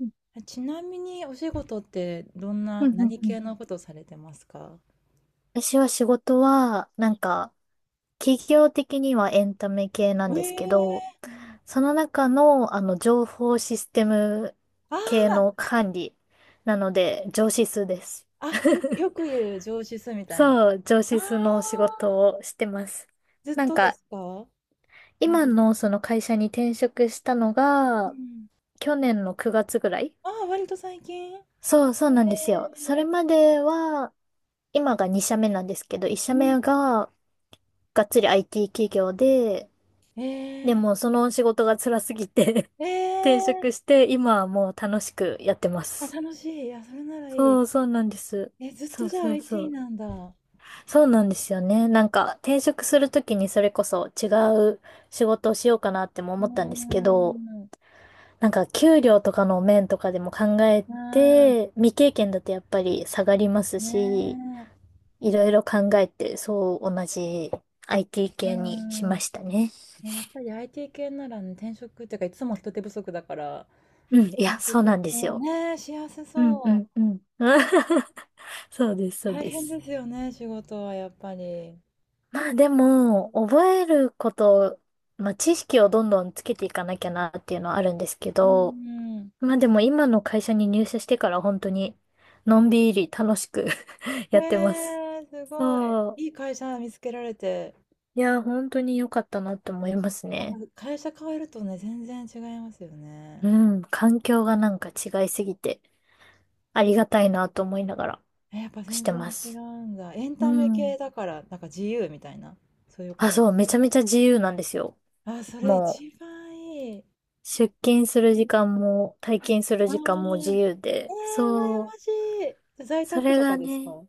うん、ちなみにお仕事ってどんうな、ん、うん。何うん、系のことされてますか？私は仕事は、なんか、企業的にはエンタメ系なえんですけえ。ど、ーうん。その中の、情報システムあ系のー。管理なので、上司数です。あ、よく言う上司すみたいな。あ。そう、上あ、司数の仕事をしてます。ずっなんとでか、すか？今長い。のその会社に転職したのうが、ん。去年の9月ぐらい。ああ、割と最近。そう、そうなんですよ。それええ。までは、今が2社目なんですけど、う1ん。社目ががっつり IT 企業で、えでえ。も、その仕事が辛すぎて 転え職え。して、今はもう楽しくやってまあ、す。楽しい。あ、それならいい。そう、そうなんです。え、ずっとそうじゃあ そうそ IT う。なんだ。うそうなんですよね。なんか、転職するときにそれこそ違う仕事をしようかなってもー思ったんですけど、ん。うなんか、給料とかの面とかでも考えーん。て、未経験だとやっぱり下がりますし、ねいろいろ考えて、そう、同じ IT え。うー系にしまん。したね。ねやっぱり IT 系ならね、転職っていうか、いつも人手不足だから、うん、いや、転そう職なんですもよ。ね、しやすうん、うそん、う。うん。そうです、そう大で変です。すよね、仕事はやっぱり。まあでも、覚えること、まあ知識をどんどんつけていかなきゃなっていうのはあるんですけうど、ん。まあでも今の会社に入社してから本当にのんびり楽しく やってます。ねえ、すごい。そう。いい会社見つけられて。いや、本当に良かったなって思いますやっぱね。会社変えるとね、全然違いますようね。ん、環境がなんか違いすぎてありがたいなと思いながらえ、やっぱし全てま然違うす。んだ。エンうタメん。系だから、なんか自由みたいな、そういうこあ、となんそでう、めすちゃかね。めちゃ自由なんですよ。あ、それもう。一番いい。出勤する時間も退勤するあ時間も自あ、由ええ、で、羨そまう、しい。在そ宅れとかがですね、か？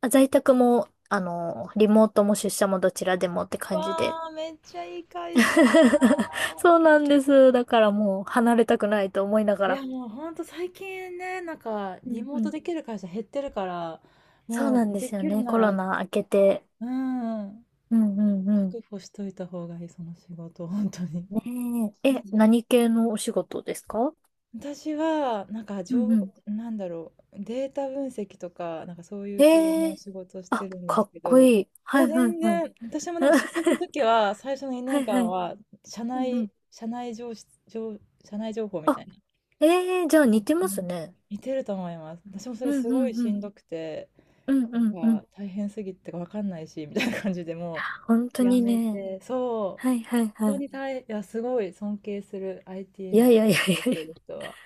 あ、在宅も、リモートも出社もどちらでもって感じで。わあ、めっちゃいい会社。そうなんです。だからもう離れたくないと思いながいや、ら。もうほんと最近ね、なんか、うリんモうートん。できる会社減ってるから、そうもなうんでですよきるね。なコら、ロナ明けて。うん、うんうんうん。確保しといた方がいい、その仕事、本当に。ねえ。ね。え、何系のお仕事ですか？私は、なんか、う情んう報、ん。なんだろう、データ分析とか、なんかそういうえ系えのー。仕事をしてあ、るんでかすっけこど、いいい。はや、いは全いはい。然、私もでも、新卒の時は、最初 の2はい年は間い。は、社うんう内、ん。社内情報、情社内情報みたあ、いな。ええ、じゃあう似ん。てますね。似てると思います。私もそうれすんうごいんうしん。んどくて、うんうんうなんん。か大変すぎてわかんないし、みたいな感じでも本当うやにめね。て、そはいう、はいは本当い。に大いや、すごい尊敬する い IT やのいや仕いやい事をしやいてや。る人は。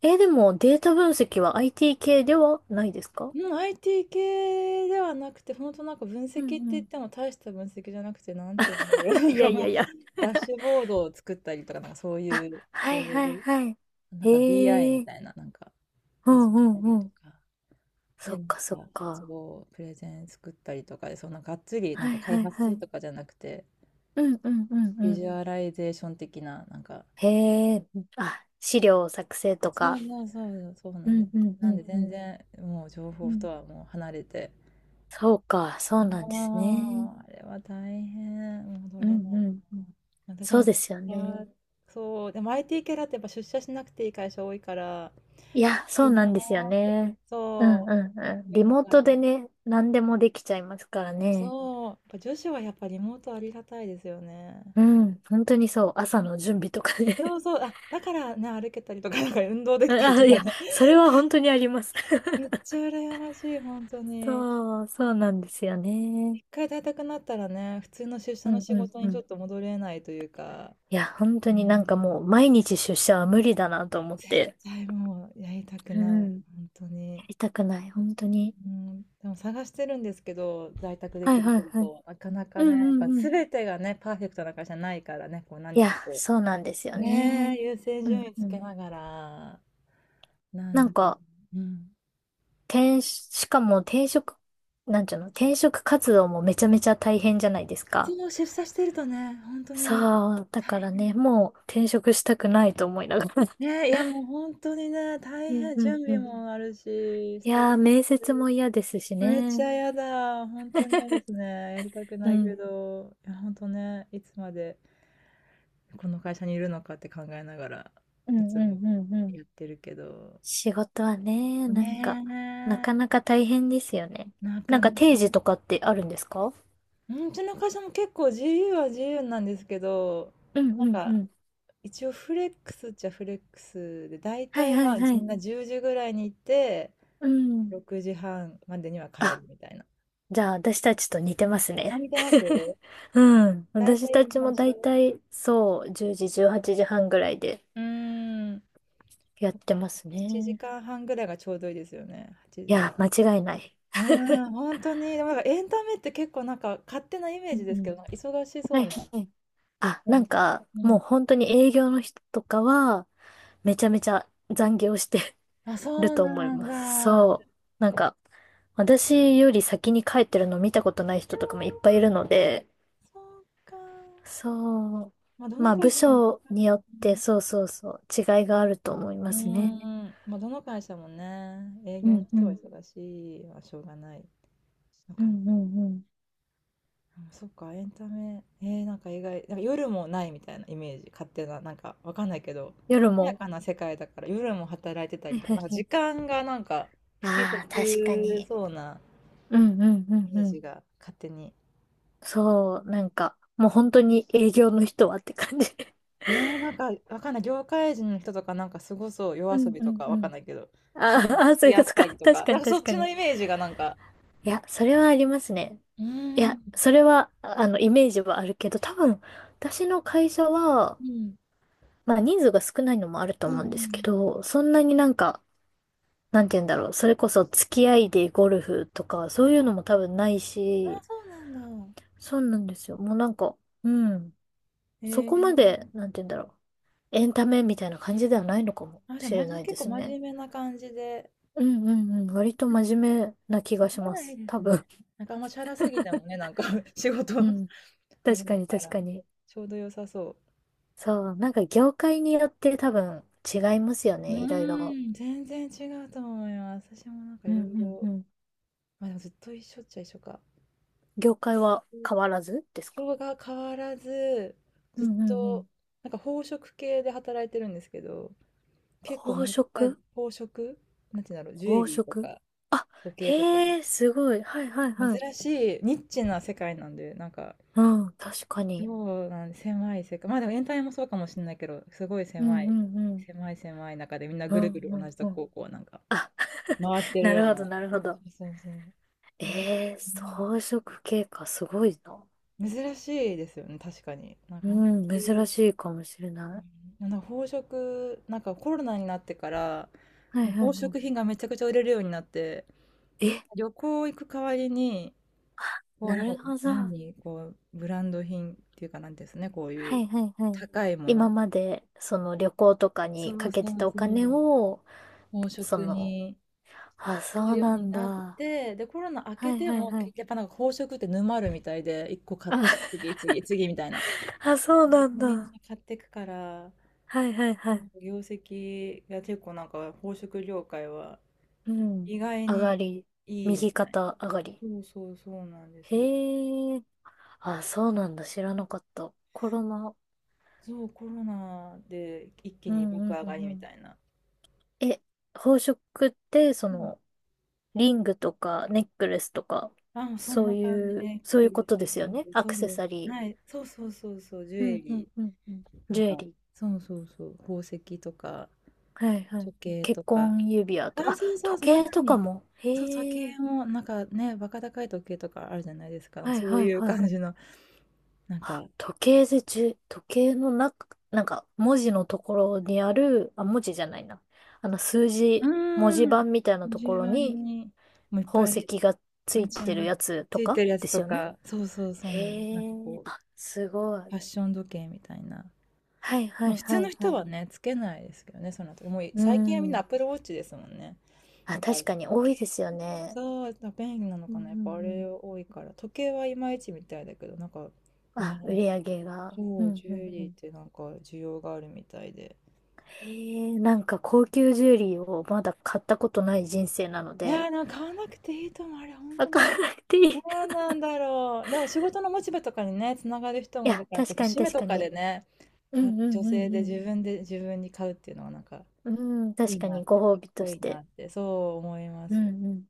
えー、でもデータ分析は IT 系ではないですか？うん、IT 系ではなくて、本当なんか分析うってんう言っん。ても大した分析じゃなくて、なんていうんだろう、な んいやかいもやう、いや。ダッシュボードを作ったりとか、なんかそういあ、う、はいはいはい。なんか BI ええみー。たいな、なんかういじんっうたんりうとん。か。そで、っなんかそっか、か。そう、プレゼン作ったりとかで、そんながっつり、なはんかいは開い発すはるい。とかじゃなくて、うんうんうんビうジん。ュアライゼーション的な、なんか、へえ。あ、資料作成とそか。うそうそう、そううなんでんす。うんうなんんでう全ん。然、もう情う報とん。はもう離れて、そうか、そうなんですあね。あ、あれは大変、戻うんれうないんうん。な。私そもう出ですよね。社、そう、でも IT 系だってやっぱ出社しなくていい会社多いから、いや、そいういななんですよーって、ね。うんそうんうう、ん。思リいなモーがトでら。ね、何でもできちゃいますからね。そう、やっぱ女子はやっぱリモートありがたいですよね。うん、本当にそう。朝の準備とかそね。うそう、あ、だからね、歩けたりとか、なんか運動 できたりあ、といかや、ね。それは本当にあります。め っちゃ羨ましい、本当に。そう、そうなんですよね。一回在宅になったらね、普通の出社うのんう仕ん事にうちょっん。と戻れないというか、いや、本当うーになんかん、もう毎日出社は無理だなと思っ絶て。対もうやりたくうない、ん。本当やに。りたくない、本当に。うーん、でも探してるんですけど、在宅ではきいるはい仕はい。事、なかなかうんうね、やっぱんうん。全てがね、パーフェクトな会社ないからね、こうい何や、かこそうなんですう、よね。ねえ、優先う順ん位つうけん。ながら、なんなんだけど、か、うん。しかも転職、なんちゅうの、転職活動もめちゃめちゃ大変じゃないですか？そう、出社してるとね、本当にさあ、だ大から変。ね、もう転職したくないと思いながら。ね、いや、もう本当にね、大うん変、うん準う備ん。もあるし、スいトレやー、面接も嫌ですしス、めっちね。ゃやだ、本当に嫌ですね。やりたくうないけん。ど、いや、本当ね、いつまでこの会社にいるのかって考えながら、うんいつうもんうんうん。やってるけど。仕事はね、なんか、なねかなか大変ですよね。え、ななかんなか定時か。とかってあるんですか？うん、うちの会社も結構自由は自由なんですけど、うんうなんんうかん。一応フレックスっちゃフレックスで、大はい体はまいあはみんい。な10時ぐらいに行って、うん。6時半までには帰あ、るみたいな。じゃあ、私たちと似てますあ、ね。見てます。 うん。大私体たみんちなもだ一い緒。たい、そう、10時、18時半ぐらいでうーん。やっだてからます7ね。時間半ぐらいがちょうどいいですよね。8い時や、間違いない。うーん、本当に。でもなんかエンタメって結構なんか勝手なイメーうジんでうすけん。ど、なんか忙しそはいうなはい。あ、感なんじ。か、うもうん。本当に営業の人とかは、めちゃめちゃ残業して あ、るそうと思いなんます。だ。そう。なんか、私より先に帰ってるの見たことない人とかもいっぱいいるので、そうか。そう。まあ、どまのあ、会部社も一緒署にか。よっうて、ん。そうそうそう、違いがあると思いうますーね。ですね。ん、まあ、どの会社もね、営う業のん、う人はん、忙しいはしょうがないのうかな。ん、うん、うん。うん、そっか、エンタメ、なんか意外、なんか夜もないみたいなイメージ、勝手な、なんかわかんないけど、夜華やも。かな世 界だから夜も働いてたはいりとか、はなんいかは時い。間がなんか不規ああ、確か則に。そうなうん、うん、うイん、メうーん。ジが勝手に。そう、なんか、もう本当に営業の人はって感じ。ねえ、なんかわかんない、業界人の人とかなんかすごそう、夜う遊ん、びうとん、かうわかんん。ないけど、そあういうーのにあー、付そういきう合こっとたか。りと確か、かなんに、かそ確っかちのに。イメージがなんか、いや、それはありますね。うーいん、や、それは、イメージはあるけど、多分、私の会社は、うん、まあ、人数が少ないのもあるとうんう思うんですけん。ど、そんなになんか、なんて言うんだろう。それこそ付き合いでゴルフとか、あ、そういうあ、のも多分ないし、そうなんだ。そうなんですよ。もうなんか、うん。へそこまえ。で、なんて言うんだろう。エンタメみたいな感じではないのかもあ、じゃあ、しまれじない結で構す真ね。面目な感じで。うんうんうん。割と真面目な気ながしまらいいす。で多す分。ね。なんかあんまチャラすぎてもね、なんか 仕 事 う ん。あれだ確かにか確ら、かに。ちょうど良さそそう。なんか業界によって多分違いますよう。うね。いろいろ。ーん、全然違うと思います。私もなんかういろんいうろ、んうん。ま、でもずっと一緒っちゃ一緒か。業界は変わらずですか？色が変わらず、うずっんうんうとん。なんか宝飾系で働いてるんですけど、結構宝まった飾。り、宝飾なんて言うんだろう、ジュエ宝リーと飾。か時計とかへえ、すごい。はいはいはい。珍しい、ニッチな世界なんで、なんか、うん、確かに。そうなんで、狭い世界。まあでも、エンタメもそうかもしれないけど、すごいう狭んうい、んうん。狭い狭い中で、みんなうぐるぐんるう同んじとうん。こをこう、なんか、回ってるなよるうほど、な。なるほど。そうそうそう。うん。えー、うん。装飾系か、すごいな。珍しいですよね、確かに。なんうかあんまん、り、珍しいかもしれなうんなんか宝飾、なんかコロナになってから、い。はもいうはい宝は飾品がめちゃくちゃ売れるようになって、い。え、旅行行く代わりに、こなう、なんるか、ほど。何、こう、ブランド品っていうかなんですね、こういはういはいはい。高いも今の。まで、その旅行とかそにかうけそてうたおそ金う。を、宝そ飾の、に、あ、がそうようなにんなっだ。て、で、コロナ明けはいてはいも、はけい。やっぱなんか宝飾って沼るみたいで、一個買った、あ、次、次、次みたいな。あ、そうなんもうみんだ。な買ってくから、はいはいはなんい。か業績が結構なんか宝飾業界はうん。意外上がにり。いいみ右たい。肩上がり。そうそうそうなんですよ。へえ。あ、そうなんだ。知らなかった。コロナ。そう、コロナで一気うにんう爆ん上うがんりうみん。たいな。え、宝飾って、リングとか、ネックレスとか、あ、もうそんそうな感じいう、ね。そういネうックこレとス、ですリよンね。グ、アそクう、セサリはい、ー。そうそうそうそう、ジュうエん、うん、リうん、うん。ー。なんジュエか、リー。そうそうそう、宝石とか、はい、は時い。計と結か。婚指輪あ、とか、あ、そうそうそう、ま時さ計とかに。も。そう、時へえ。計も、なんかね、バカ高い時計とかあるじゃないですか。はい、そうはい、いうはい。感じの、なんあ、か、時計でじゅ時計の中、なんか、文字のところにある、あ、文字じゃないな。数う字、文字ーん、盤みたいなとこ順ろ番に、に、もういっ宝ぱ石い、がつめいちゃ、てるやつとついかてるやつですとよね。か、そうそうそうなの、なんへかえ、こう、あ、すごい。ファッション時計みたいな。はいはまあ、い普は通のいは人い。はね、つけないですけどね、その後。もうう最近はみんなアッん。プルウォッチですもんね。あ、なんか、確時かに多い計。ですよね。そう、便利なのうんかうな、やっぱあれん多いから。時計はいまいちみたいだけど、なんかうん。あ、売ね、り上げが。うそう、んジうュエんうリーっん。てなんか需要があるみたいで。へえ、なんか高級ジュエリーをまだ買ったことない人生なのいで、やー、なんか買わなくていいと思う、あれ、本わ当に。からなくていい。いどうなんだろう。でも仕事のモチベとかにね、つながる人もいるや、から、こ確うかに節目確とかかでに。ね、うか、んう女んう性でん自分で自分に買うっていうのはなんかうん。うん、い確いかな、にかご褒っ美とこしいいなて。って、そう思いまうす。んうん